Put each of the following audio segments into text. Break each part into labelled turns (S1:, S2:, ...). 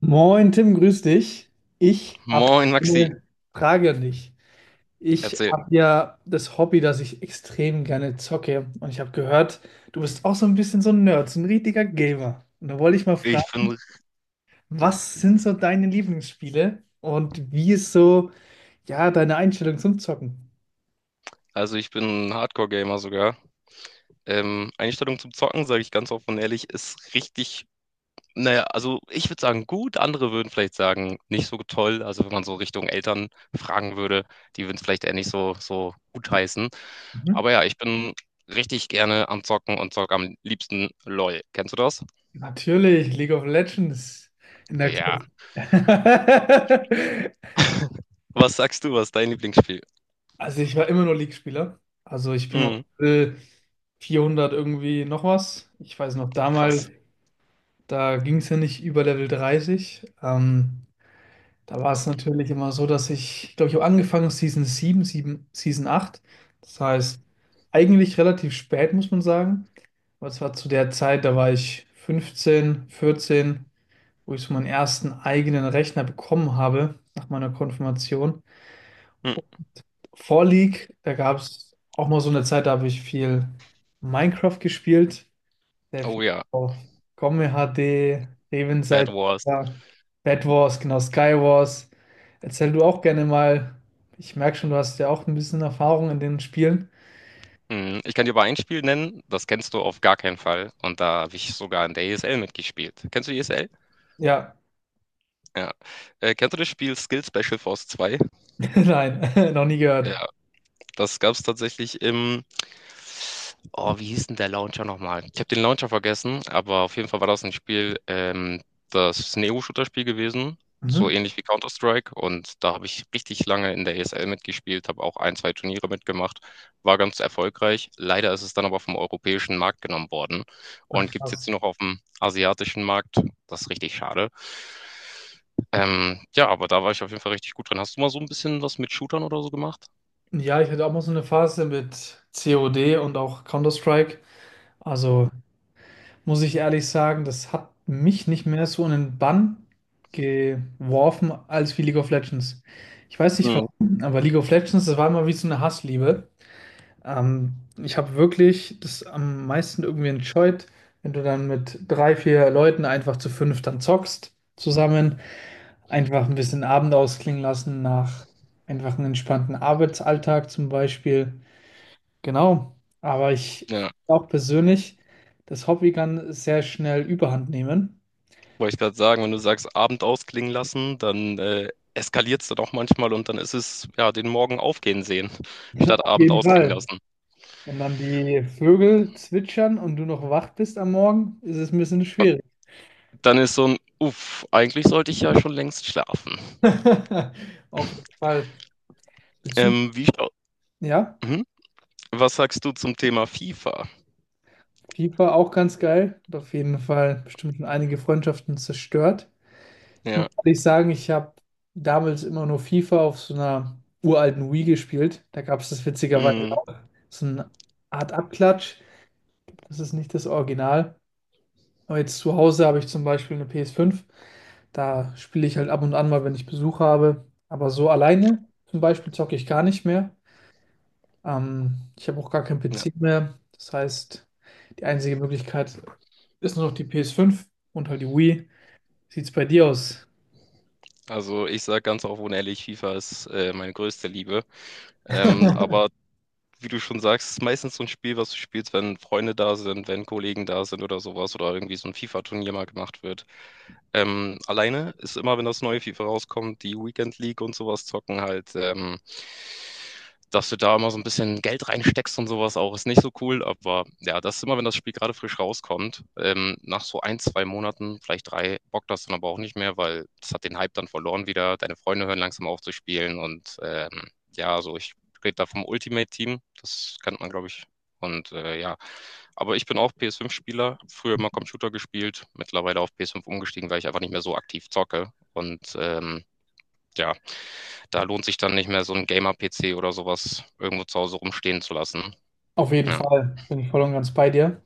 S1: Moin Tim, grüß dich. Ich habe
S2: Moin Maxi,
S1: eine Frage an dich. Ich
S2: erzähl.
S1: habe ja das Hobby, dass ich extrem gerne zocke. Und ich habe gehört, du bist auch so ein bisschen so ein Nerd, so ein richtiger Gamer. Und da wollte ich mal
S2: Ich
S1: fragen,
S2: bin,
S1: was sind so deine Lieblingsspiele und wie ist so, ja, deine Einstellung zum Zocken?
S2: also ich bin ein Hardcore-Gamer sogar. Einstellung zum Zocken, sage ich ganz offen und ehrlich, ist richtig, naja, also ich würde sagen gut, andere würden vielleicht sagen nicht so toll. Also wenn man so Richtung Eltern fragen würde, die würden es vielleicht eher nicht so gut heißen.
S1: Mhm.
S2: Aber ja, ich bin richtig gerne am Zocken und zocke am liebsten LOL. Kennst du das?
S1: Natürlich, League of Legends in der
S2: Ja.
S1: Club.
S2: Was sagst du, was ist dein Lieblingsspiel?
S1: Also ich war immer nur League-Spieler. Also ich bin auf
S2: Mhm,
S1: Level 400 irgendwie noch was. Ich weiß noch, damals,
S2: krass.
S1: da ging es ja nicht über Level 30. Da war es natürlich immer so, dass ich glaube, ich habe angefangen Season sieben, Season 8. Das heißt, eigentlich relativ spät, muss man sagen. Aber es war zu der Zeit, da war ich 15, 14, wo ich so meinen ersten eigenen Rechner bekommen habe nach meiner Konfirmation.
S2: Mhm.
S1: Vor League, da gab es auch mal so eine Zeit, da habe ich viel Minecraft gespielt, sehr
S2: Oh
S1: viel
S2: ja,
S1: auf Gomme HD,
S2: Bad
S1: Revenseite,
S2: Wars.
S1: Bed Wars, genau, Sky Wars. Erzähl du auch gerne mal. Ich merke schon, du hast ja auch ein bisschen Erfahrung in den Spielen.
S2: Mhm, ich kann dir aber ein Spiel nennen, das kennst du auf gar keinen Fall und da habe ich sogar in der ESL mitgespielt. Kennst du ESL?
S1: Ja,
S2: Ja. Kennst du das Spiel Skill Special Force 2?
S1: nein, noch nie gehört.
S2: Das gab es tatsächlich im. Oh, wie hieß denn der Launcher nochmal? Ich habe den Launcher vergessen, aber auf jeden Fall war das ein Spiel, das ist ein EU-Shooter-Spiel gewesen,
S1: Mhm.
S2: so ähnlich wie Counter-Strike. Und da habe ich richtig lange in der ESL mitgespielt, habe auch ein, zwei Turniere mitgemacht, war ganz erfolgreich. Leider ist es dann aber vom europäischen Markt genommen worden
S1: Ach,
S2: und gibt es
S1: krass.
S2: jetzt nur noch auf dem asiatischen Markt. Das ist richtig schade. Ja, aber da war ich auf jeden Fall richtig gut drin. Hast du mal so ein bisschen was mit Shootern oder so gemacht?
S1: Ja, ich hatte auch mal so eine Phase mit COD und auch Counter-Strike. Also muss ich ehrlich sagen, das hat mich nicht mehr so in den Bann geworfen als wie League of Legends. Ich weiß nicht
S2: Mhm.
S1: warum, aber League of Legends, das war immer wie so eine Hassliebe. Ähm, Ich habe wirklich das am meisten irgendwie enjoyed, wenn du dann mit drei, vier Leuten einfach zu fünf dann zockst zusammen, einfach ein bisschen Abend ausklingen lassen nach einfach einem entspannten Arbeitsalltag zum Beispiel. Genau, aber ich finde
S2: Ja.
S1: auch persönlich, das Hobby kann sehr schnell Überhand nehmen.
S2: Wollte ich gerade sagen, wenn du sagst, Abend ausklingen lassen, dann eskaliert es dann auch manchmal und dann ist es, ja, den Morgen aufgehen sehen, statt
S1: Auf
S2: Abend
S1: jeden
S2: ausklingen
S1: Fall.
S2: lassen.
S1: Und dann die Vögel zwitschern und du noch wach bist am Morgen, ist es ein bisschen schwierig.
S2: Dann ist so ein, uff, eigentlich sollte ich ja schon längst schlafen.
S1: Auf jeden Fall. Bezug,
S2: Ähm, wie, schau-
S1: ja,
S2: mhm. Was sagst du zum Thema FIFA?
S1: FIFA auch ganz geil. Hat auf jeden Fall bestimmt schon einige Freundschaften zerstört. Ich muss
S2: Ja,
S1: ehrlich sagen, ich habe damals immer nur FIFA auf so einer uralten Wii gespielt. Da gab es das witzigerweise
S2: mm,
S1: auch so eine Art Abklatsch. Das ist nicht das Original. Aber jetzt zu Hause habe ich zum Beispiel eine PS5. Da spiele ich halt ab und an mal, wenn ich Besuch habe. Aber so alleine zum Beispiel zocke ich gar nicht mehr. Ich habe auch gar keinen
S2: ja.
S1: PC mehr. Das heißt, die einzige Möglichkeit ist nur noch die PS5 und halt die Wii. Sieht's bei dir aus?
S2: Also ich sage ganz offen und ehrlich, FIFA ist meine größte Liebe. Ähm, aber wie du schon sagst, ist meistens so ein Spiel, was du spielst, wenn Freunde da sind, wenn Kollegen da sind oder sowas oder irgendwie so ein FIFA-Turnier mal gemacht wird. Alleine ist immer, wenn das neue FIFA rauskommt, die Weekend League und sowas zocken halt dass du da immer so ein bisschen Geld reinsteckst und sowas auch, ist nicht so cool. Aber ja, das ist immer, wenn das Spiel gerade frisch rauskommt, nach so ein, zwei Monaten, vielleicht drei, bockt das dann aber auch nicht mehr, weil das hat den Hype dann verloren wieder. Deine Freunde hören langsam auf zu spielen und ja, also ich rede da vom Ultimate Team, das kennt man, glaube ich. Und ja, aber ich bin auch PS5-Spieler, früher immer Computer gespielt, mittlerweile auf PS5 umgestiegen, weil ich einfach nicht mehr so aktiv zocke. Und ja, da lohnt sich dann nicht mehr so 'n Gamer-PC oder sowas irgendwo zu Hause rumstehen zu lassen.
S1: Auf jeden
S2: Ja.
S1: Fall bin ich voll und ganz bei dir.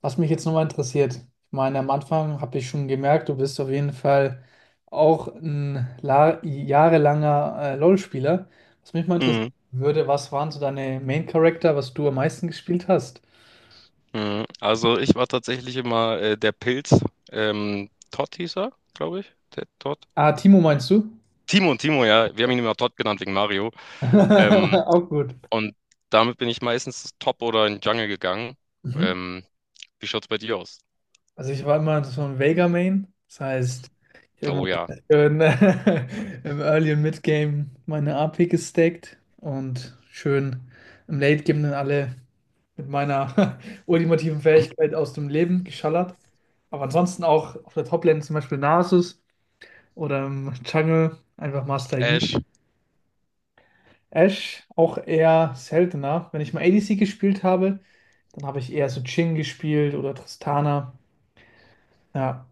S1: Was mich jetzt nochmal interessiert, ich meine, am Anfang habe ich schon gemerkt, du bist auf jeden Fall auch ein jahrelanger LoL-Spieler. Was mich mal interessieren
S2: Mhm,
S1: würde, was waren so deine Main-Charakter, was du am meisten gespielt hast?
S2: mhm. Also, ich war tatsächlich immer, der Pilz. Todd hieß er, glaube ich. Der Todd?
S1: Ah, Timo meinst du?
S2: Timo, Timo, ja. Wir haben ihn immer Todd genannt wegen Mario. Ähm,
S1: Auch gut.
S2: und damit bin ich meistens Top oder in Jungle gegangen.
S1: Mhm.
S2: Ähm, Wie schaut's bei dir aus?
S1: Also ich war immer so ein Vega Main, das heißt, ich habe immer
S2: Oh ja.
S1: schön im Early- und Mid-Game meine AP gestackt und schön im Late-Game dann alle mit meiner ultimativen Fähigkeit aus dem Leben geschallert. Aber ansonsten auch auf der Top-Lane zum Beispiel Nasus oder im Jungle einfach Master Yi.
S2: Ash.
S1: Ashe auch eher seltener. Wenn ich mal ADC gespielt habe, dann habe ich eher so Jhin gespielt oder Tristana. Ja,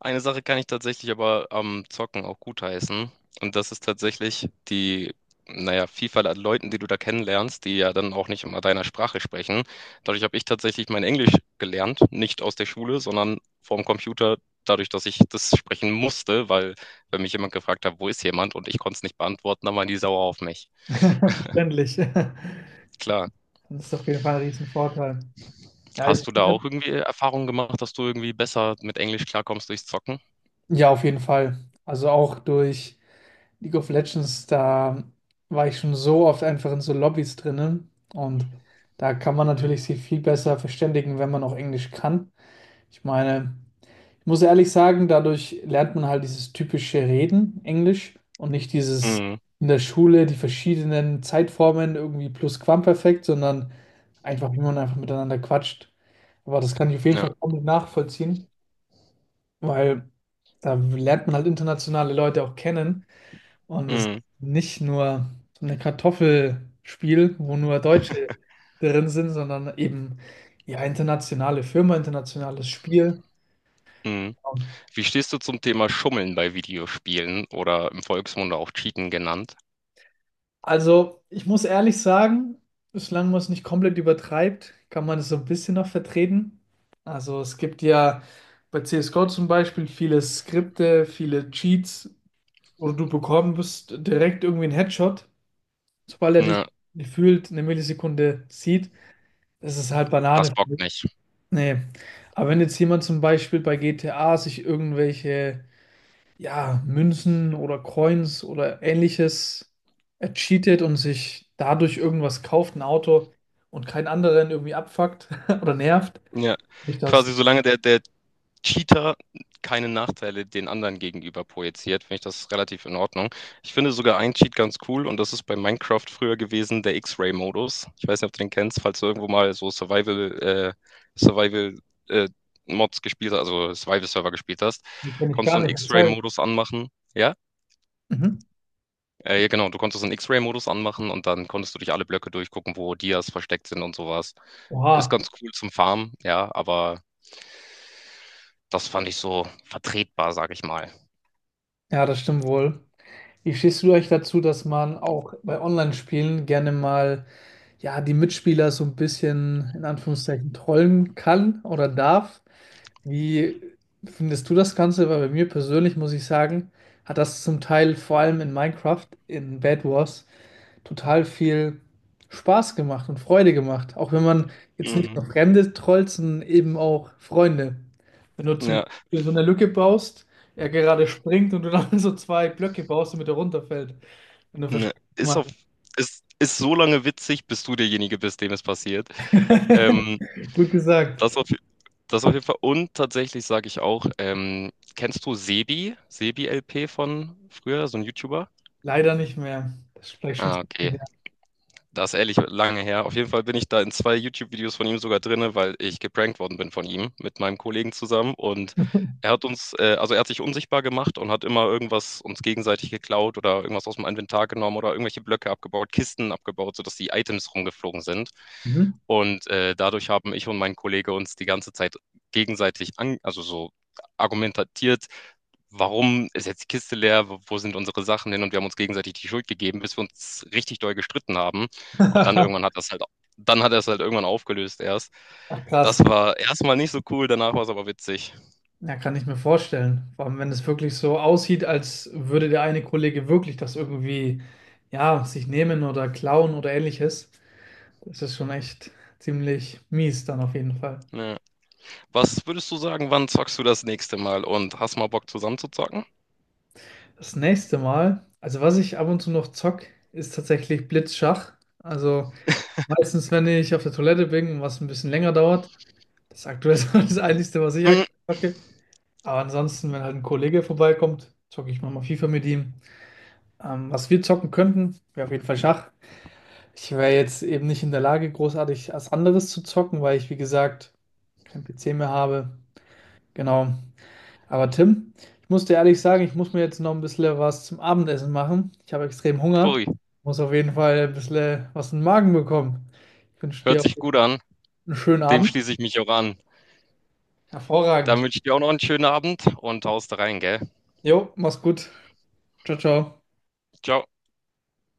S2: Eine Sache kann ich tatsächlich aber am Zocken auch gutheißen. Und das ist tatsächlich die, naja, Vielfalt an Leuten, die du da kennenlernst, die ja dann auch nicht immer deiner Sprache sprechen. Dadurch habe ich tatsächlich mein Englisch gelernt, nicht aus der Schule, sondern vorm Computer, dadurch, dass ich das sprechen musste, weil wenn mich jemand gefragt hat, wo ist jemand und ich konnte es nicht beantworten, dann waren die sauer auf mich.
S1: verständlich.
S2: Klar.
S1: Das ist auf jeden Fall ein Riesenvorteil. Ja, ich
S2: Hast du da
S1: finde,
S2: auch irgendwie Erfahrungen gemacht, dass du irgendwie besser mit Englisch klarkommst durchs Zocken?
S1: ja, auf jeden Fall. Also auch durch League of Legends, da war ich schon so oft einfach in so Lobbys drinnen. Und da kann man natürlich sich viel besser verständigen, wenn man auch Englisch kann. Ich meine, ich muss ehrlich sagen, dadurch lernt man halt dieses typische Reden Englisch und nicht dieses
S2: Mhm.
S1: in der Schule die verschiedenen Zeitformen irgendwie Plusquamperfekt, sondern einfach, wie man einfach miteinander quatscht. Aber das kann ich auf jeden
S2: Ja.
S1: Fall komplett nachvollziehen, weil da lernt man halt internationale Leute auch kennen und es ist
S2: Mhm.
S1: nicht nur so ein Kartoffelspiel, wo nur Deutsche drin sind, sondern eben ja internationale Firma, internationales Spiel.
S2: Mhm. Wie stehst du zum Thema Schummeln bei Videospielen oder im Volksmund auch Cheaten genannt?
S1: Also ich muss ehrlich sagen, solange man es nicht komplett übertreibt, kann man es so ein bisschen noch vertreten. Also es gibt ja bei CSGO zum Beispiel viele Skripte, viele Cheats, wo du bekommst direkt irgendwie einen Headshot. Sobald er dich
S2: Ja,
S1: gefühlt eine Millisekunde sieht, das ist halt
S2: das
S1: Banane.
S2: bockt nicht.
S1: Nee. Aber wenn jetzt jemand zum Beispiel bei GTA sich irgendwelche, ja, Münzen oder Coins oder ähnliches ercheatet und sich dadurch irgendwas kauft, ein Auto und keinen anderen irgendwie abfuckt oder nervt,
S2: Ja,
S1: ich das,
S2: quasi solange der Cheater keine Nachteile den anderen gegenüber projiziert, finde ich das relativ in Ordnung. Ich finde sogar einen Cheat ganz cool und das ist bei Minecraft früher gewesen, der X-Ray-Modus. Ich weiß nicht, ob du den kennst, falls du irgendwo mal so Survival, Survival, äh, Mods gespielt hast, also Survival-Server gespielt hast,
S1: das kann ich
S2: konntest du
S1: gar
S2: einen
S1: nicht erzählen.
S2: X-Ray-Modus anmachen. Ja,
S1: Mhm.
S2: Ja, genau, du konntest einen X-Ray-Modus anmachen und dann konntest du durch alle Blöcke durchgucken, wo Dias versteckt sind und sowas. Ist
S1: Oha.
S2: ganz cool zum Farmen, ja, aber das fand ich so vertretbar, sag ich mal.
S1: Ja, das stimmt wohl. Wie stehst du euch dazu, dass man auch bei Online-Spielen gerne mal ja, die Mitspieler so ein bisschen in Anführungszeichen trollen kann oder darf? Wie findest du das Ganze? Weil bei mir persönlich muss ich sagen, hat das zum Teil vor allem in Minecraft, in Bed Wars, total viel Spaß gemacht und Freude gemacht. Auch wenn man jetzt nicht
S2: Mhm.
S1: nur Fremde trollt, sondern eben auch Freunde. Wenn du zum
S2: Ja,
S1: Beispiel so eine Lücke baust, er gerade springt und du dann so zwei Blöcke baust, damit er runterfällt. Wenn du
S2: ne.
S1: verstehst,
S2: Ist
S1: was
S2: auf,
S1: ich
S2: ist, ist so lange witzig, bis du derjenige bist, dem es passiert.
S1: meine.
S2: Ähm,
S1: Gut
S2: das
S1: gesagt.
S2: auf, das auf jeden Fall. Und tatsächlich sage ich auch, kennst du Sebi? Sebi LP von früher, so ein YouTuber?
S1: Leider nicht mehr. Das ist vielleicht schon zu
S2: Ah,
S1: lange
S2: okay.
S1: her.
S2: Das ist ehrlich lange her. Auf jeden Fall bin ich da in zwei YouTube-Videos von ihm sogar drinne, weil ich geprankt worden bin von ihm mit meinem Kollegen zusammen. Und er hat uns, also er hat sich unsichtbar gemacht und hat immer irgendwas uns gegenseitig geklaut oder irgendwas aus dem Inventar genommen oder irgendwelche Blöcke abgebaut, Kisten abgebaut, sodass die Items rumgeflogen sind.
S1: Mhm.
S2: Und dadurch haben ich und mein Kollege uns die ganze Zeit gegenseitig an, also so argumentiert, warum ist jetzt die Kiste leer, wo sind unsere Sachen hin? Und wir haben uns gegenseitig die Schuld gegeben, bis wir uns richtig doll gestritten haben. Und dann irgendwann hat das halt, dann hat er es halt irgendwann aufgelöst erst.
S1: Ach, krass.
S2: Das war erstmal nicht so cool, danach war es aber witzig.
S1: Ja, kann ich mir vorstellen. Vor allem, wenn es wirklich so aussieht, als würde der eine Kollege wirklich das irgendwie, ja, sich nehmen oder klauen oder ähnliches. Das ist schon echt ziemlich mies dann auf jeden Fall.
S2: Ja. Was würdest du sagen, wann zockst du das nächste Mal und hast mal Bock zusammen zu zocken?
S1: Das nächste Mal, also was ich ab und zu noch zock, ist tatsächlich Blitzschach. Also meistens, wenn ich auf der Toilette bin und was ein bisschen länger dauert, das ist aktuell so das Einzige, was ich
S2: Hm,
S1: aktuell zocke. Aber ansonsten, wenn halt ein Kollege vorbeikommt, zocke ich manchmal FIFA mit ihm. Was wir zocken könnten, wäre auf jeden Fall Schach. Ich wäre jetzt eben nicht in der Lage, großartig was anderes zu zocken, weil ich, wie gesagt, kein PC mehr habe. Genau. Aber Tim, ich muss dir ehrlich sagen, ich muss mir jetzt noch ein bisschen was zum Abendessen machen. Ich habe extrem Hunger.
S2: ui,
S1: Muss auf jeden Fall ein bisschen was in den Magen bekommen. Ich wünsche
S2: hört
S1: dir
S2: sich gut an.
S1: einen schönen
S2: Dem
S1: Abend.
S2: schließe ich mich auch an. Dann
S1: Hervorragend.
S2: wünsche ich dir auch noch einen schönen Abend und haust rein, gell?
S1: Jo, mach's gut. Ciao, ciao.
S2: Ciao.